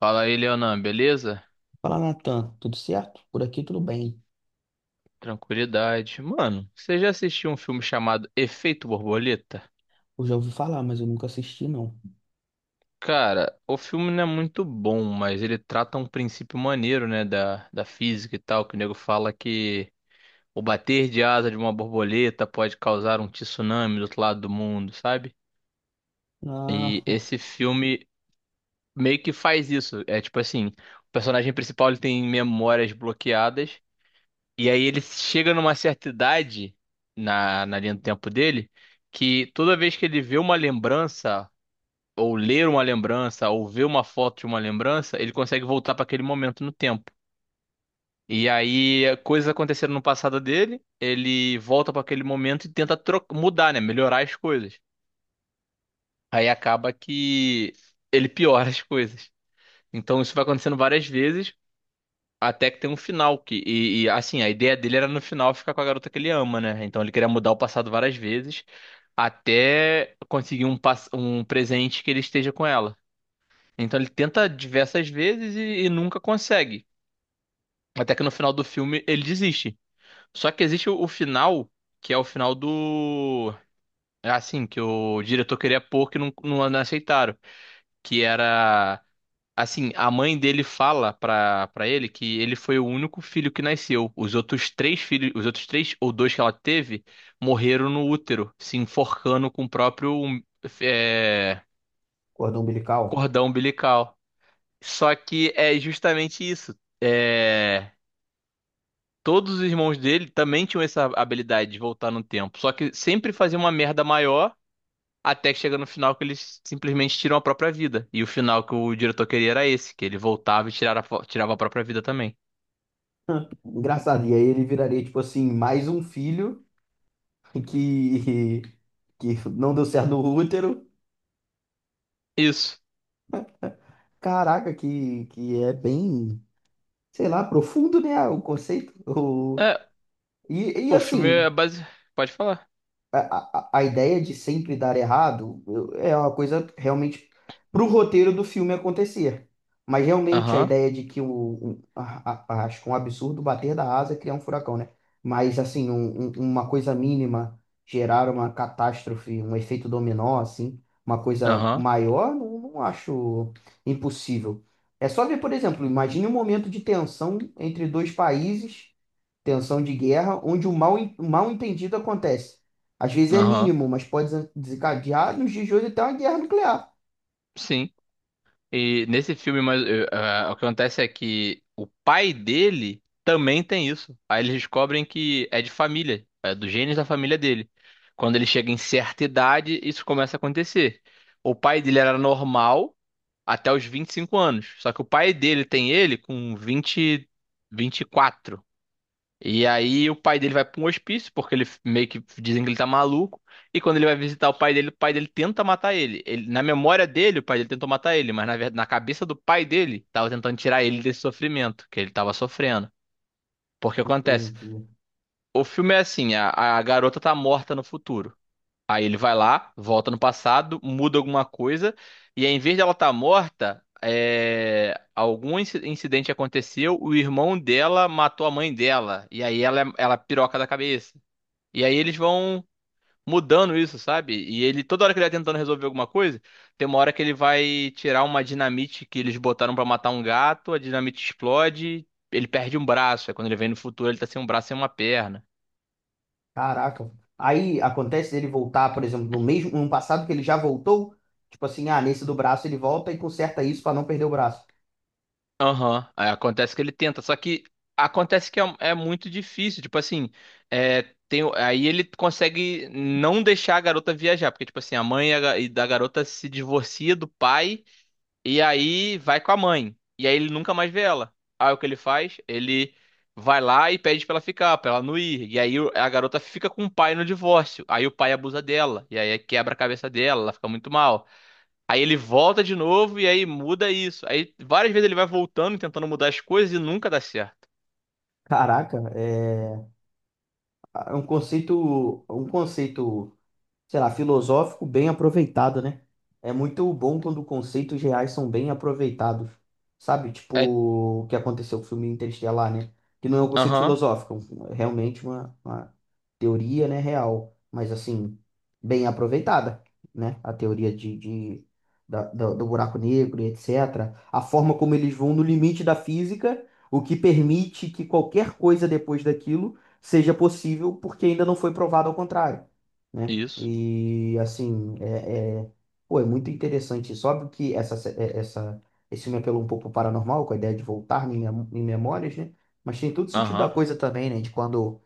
Fala aí, Leonan, beleza? Fala, Natan, tudo certo? Por aqui tudo bem. Tranquilidade. Mano, você já assistiu um filme chamado Efeito Borboleta? Eu já ouvi falar, mas eu nunca assisti, não. Cara, o filme não é muito bom, mas ele trata um princípio maneiro, né, da física e tal, que o nego fala que o bater de asa de uma borboleta pode causar um tsunami do outro lado do mundo, sabe? Ah, E esse filme meio que faz isso. É tipo assim, o personagem principal ele tem memórias bloqueadas. E aí ele chega numa certa idade, na linha do tempo dele, que toda vez que ele vê uma lembrança, ou ler uma lembrança, ou vê uma foto de uma lembrança, ele consegue voltar para aquele momento no tempo. E aí coisas aconteceram no passado dele, ele volta para aquele momento e tenta mudar, né? Melhorar as coisas. Aí acaba que ele piora as coisas. Então isso vai acontecendo várias vezes. Até que tem um final que assim, a ideia dele era no final ficar com a garota que ele ama, né? Então ele queria mudar o passado várias vezes até conseguir um um presente que ele esteja com ela. Então ele tenta diversas vezes e nunca consegue. Até que no final do filme ele desiste. Só que existe o final, que é o final do, é assim, que o diretor queria pôr que não, não aceitaram, que era, assim, a mãe dele fala pra ele que ele foi o único filho que nasceu. Os outros três filhos, os outros três ou dois que ela teve, morreram no útero, se enforcando com o próprio um, é, cordão umbilical. cordão umbilical. Só que é justamente isso. É, todos os irmãos dele também tinham essa habilidade de voltar no tempo. Só que sempre fazia uma merda maior até que chega no final que eles simplesmente tiram a própria vida. E o final que o diretor queria era esse, que ele voltava e tirava, tirava a própria vida também. Engraçado. E aí ele viraria, tipo assim, mais um filho que, que não deu certo no útero. Isso. Caraca, que é bem, sei lá, profundo, né? O conceito. É, E o filme assim, é base. Pode falar. a ideia de sempre dar errado é uma coisa realmente para o roteiro do filme acontecer. Mas realmente a Aham, ideia de acho que um absurdo bater da asa e criar um furacão, né? Mas assim, uma coisa mínima gerar uma catástrofe, um efeito dominó, assim, uma coisa aham, maior, não acho impossível. É só ver, por exemplo, imagine um momento de tensão entre dois países, tensão de guerra, onde o mal entendido acontece. Às vezes é aham. mínimo, mas pode desencadear nos dias de hoje até uma guerra nuclear. Sim. E nesse filme, mas, o que acontece é que o pai dele também tem isso. Aí eles descobrem que é de família, é dos genes da família dele. Quando ele chega em certa idade, isso começa a acontecer. O pai dele era normal até os 25 anos. Só que o pai dele tem ele com vinte, 24. E aí o pai dele vai pra um hospício, porque ele meio que dizem que ele tá maluco. E quando ele vai visitar o pai dele tenta matar ele. Na memória dele, o pai dele tentou matar ele, mas na verdade, na cabeça do pai dele, tava tentando tirar ele desse sofrimento que ele tava sofrendo. Porque acontece, Entendi. o filme é assim, a garota tá morta no futuro. Aí ele vai lá, volta no passado, muda alguma coisa, e aí, em vez dela estar morta, algum incidente aconteceu, o irmão dela matou a mãe dela, e aí ela, ela piroca da cabeça. E aí eles vão mudando isso, sabe? E ele, toda hora que ele vai tentando resolver alguma coisa, tem uma hora que ele vai tirar uma dinamite que eles botaram pra matar um gato, a dinamite explode, ele perde um braço, aí quando ele vem no futuro ele tá sem um braço e uma perna. Caraca. Aí acontece ele voltar, por exemplo, no passado que ele já voltou, tipo assim, ah, nesse do braço ele volta e conserta isso para não perder o braço. Aham. Aí acontece que ele tenta, só que acontece que é muito difícil, tipo assim, é, tem, aí ele consegue não deixar a garota viajar, porque tipo assim, a mãe e da garota se divorcia do pai e aí vai com a mãe, e aí ele nunca mais vê ela. Aí o que ele faz? Ele vai lá e pede pra ela ficar, pra ela não ir, e aí a garota fica com o pai no divórcio, aí o pai abusa dela, e aí quebra a cabeça dela, ela fica muito mal. Aí ele volta de novo e aí muda isso. Aí várias vezes ele vai voltando, e tentando mudar as coisas e nunca dá certo. Caraca, é é um conceito, um conceito, sei lá, filosófico bem aproveitado, né? É muito bom quando conceitos reais são bem aproveitados. Sabe? É, Tipo, o que aconteceu com o filme Interestelar, né? Que não é um conceito aham, filosófico, é um, realmente uma teoria, né, real, mas assim, bem aproveitada, né? A teoria do buraco negro e etc. A forma como eles vão no limite da física, o que permite que qualquer coisa depois daquilo seja possível, porque ainda não foi provado ao contrário, né? isso. E assim, pô, é muito interessante isso. Óbvio que essa, esse filme apelou um pouco pro paranormal, com a ideia de voltar em memórias, né? Mas tem todo sentido da Aham, coisa também, né? De quando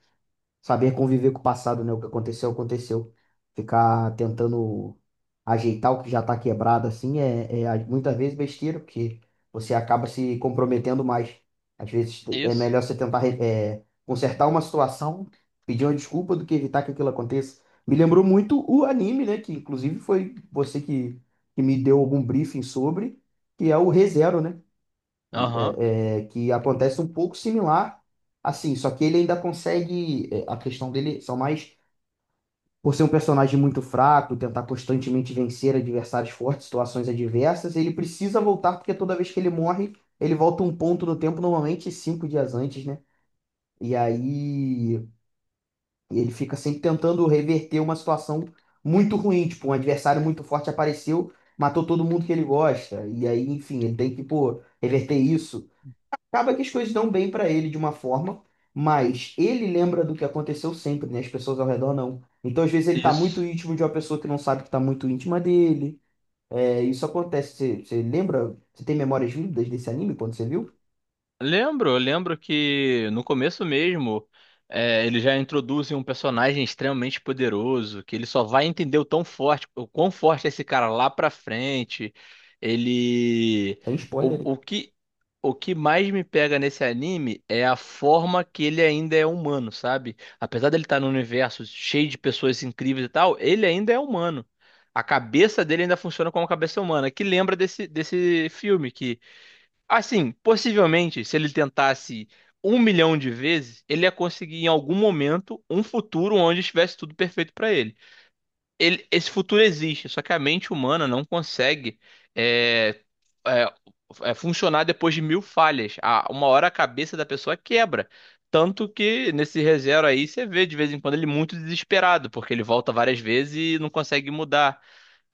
Saber conviver com o passado, né? O que aconteceu, aconteceu. Ficar tentando ajeitar o que já tá quebrado, assim, muitas vezes besteira, porque você acaba se comprometendo mais. Às vezes é isso. melhor você tentar consertar uma situação, pedir uma desculpa, do que evitar que aquilo aconteça. Me lembrou muito o anime, né? Que inclusive foi você que me deu algum briefing sobre, que é o ReZero, né? Aham, que acontece um pouco similar, assim, só que ele ainda consegue, é, a questão dele são mais por ser um personagem muito fraco, tentar constantemente vencer adversários fortes, situações adversas, ele precisa voltar porque toda vez que ele morre, ele volta um ponto no tempo, normalmente cinco dias antes, né? E aí ele fica sempre tentando reverter uma situação muito ruim, tipo, um adversário muito forte apareceu, matou todo mundo que ele gosta, e aí, enfim, ele tem que, pô, reverter isso. Acaba que as coisas dão bem para ele de uma forma, mas ele lembra do que aconteceu sempre, né? As pessoas ao redor não. Então, às vezes, ele tá muito isso. íntimo de uma pessoa que não sabe que tá muito íntima dele. É, isso acontece. Você lembra? Você tem memórias vívidas desse anime quando você viu? Lembro, eu lembro que no começo mesmo, eles já introduzem um personagem extremamente poderoso, que ele só vai entender o tão forte, o quão forte é esse cara lá pra frente. Ele. Tem spoiler, hein? O, o que, o que mais me pega nesse anime é a forma que ele ainda é humano, sabe? Apesar dele estar num universo cheio de pessoas incríveis e tal, ele ainda é humano. A cabeça dele ainda funciona como uma cabeça humana, que lembra desse, desse filme que. Assim, possivelmente, se ele tentasse 1 milhão de vezes, ele ia conseguir em algum momento um futuro onde estivesse tudo perfeito para ele. Esse futuro existe, só que a mente humana não consegue é, é, funcionar depois de 1.000 falhas. Uma hora a cabeça da pessoa quebra. Tanto que nesse ReZero aí você vê de vez em quando ele muito desesperado, porque ele volta várias vezes e não consegue mudar.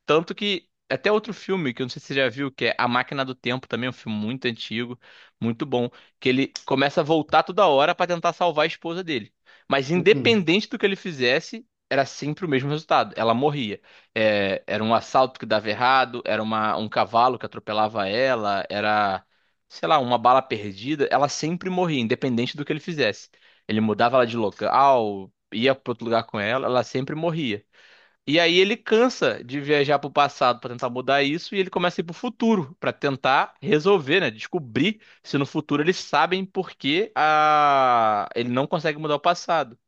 Tanto que até outro filme que eu não sei se você já viu, que é A Máquina do Tempo, também é um filme muito antigo, muito bom, que ele começa a voltar toda hora pra tentar salvar a esposa dele. Mas Uhum. independente do que ele fizesse, era sempre o mesmo resultado. Ela morria. É, era um assalto que dava errado, era um cavalo que atropelava ela, era, sei lá, uma bala perdida. Ela sempre morria, independente do que ele fizesse. Ele mudava ela de local, ia pra outro lugar com ela, ela sempre morria. E aí ele cansa de viajar para o passado para tentar mudar isso e ele começa a ir pro futuro para tentar resolver, né? Descobrir se no futuro eles sabem por que a... ele não consegue mudar o passado.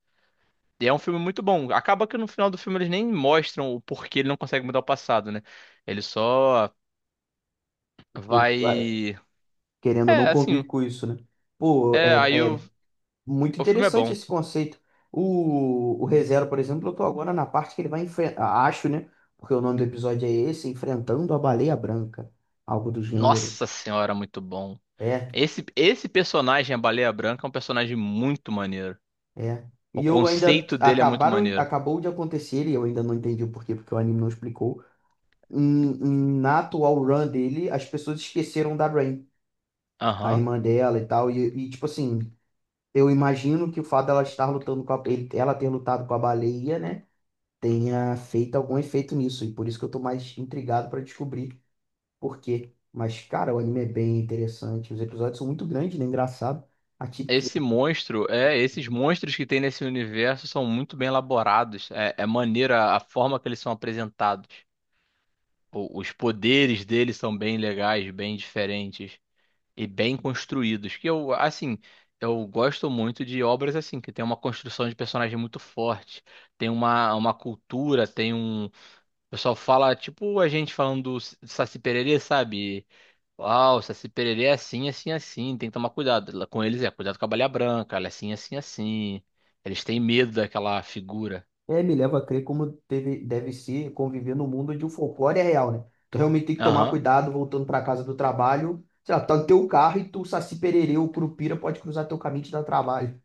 E é um filme muito bom. Acaba que no final do filme eles nem mostram o porquê ele não consegue mudar o passado, né? Ele só Ele, ah, vai. querendo ou não, É, convive assim. com isso, né? Pô, É, aí muito o filme é interessante bom. esse conceito. O ReZero, por exemplo, eu tô agora na parte que ele vai enfrentar. Acho, né? Porque o nome do episódio é esse: Enfrentando a Baleia Branca. Algo do gênero. Nossa senhora, muito bom. É, Esse personagem, a Baleia Branca, é um personagem muito maneiro. é. O E eu ainda conceito dele é muito maneiro. acabou de acontecer, e eu ainda não entendi o porquê, porque o anime não explicou. Na atual run dele, as pessoas esqueceram da Rain, a Aham. irmã dela e tal. E tipo assim, eu imagino que o fato dela estar lutando com a, ele- ela ter lutado com a baleia, né? Tenha feito algum efeito nisso. E por isso que eu tô mais intrigado pra descobrir por quê. Mas, cara, o anime é bem interessante. Os episódios são muito grandes, né? Engraçado. Atípico. Esse monstro, esses monstros que tem nesse universo são muito bem elaborados. É, é maneira a forma que eles são apresentados. Os poderes deles são bem legais, bem diferentes e bem construídos. Que eu, assim, eu gosto muito de obras assim, que tem uma construção de personagem muito forte, tem uma cultura, tem um. O pessoal fala, tipo a gente falando do Saci Pererê, sabe? Uau, Saci Pererê é assim, assim, assim. Tem que tomar cuidado. Lá com eles é, cuidado com a Baleia Branca, ela é assim, assim, assim. Eles têm medo daquela figura. É, me leva a crer como teve, deve ser conviver no mundo onde o folclore é real, né? Tu realmente tem que tomar Aham. cuidado voltando para casa do trabalho. Sei lá, tá no teu carro e tu, Saci Pererê, o Curupira pode cruzar teu caminho e te dar trabalho.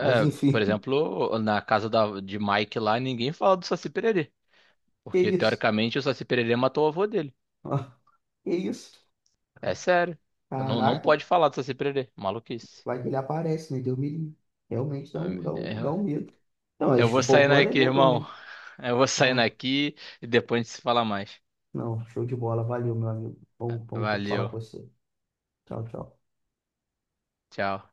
Mas Por enfim, exemplo, na casa de Mike lá, ninguém fala do Saci Pererê. que Porque, isso? teoricamente, o Saci Pererê matou o avô dele. Ó, que isso? É sério. Não, não Caraca, pode falar do Saci Pererê. Maluquice. vai que ele aparece, né? Deus me livre. Realmente dá um, dá um, dá É, um medo. Não, eu mas o vou sair folclore é daqui, irmão. medonho. Eu vou sair Ó, daqui e depois a gente se fala mais. não, show de bola. Valeu, meu amigo. Bom, bom falar Valeu. com você. Tchau, tchau. Tchau.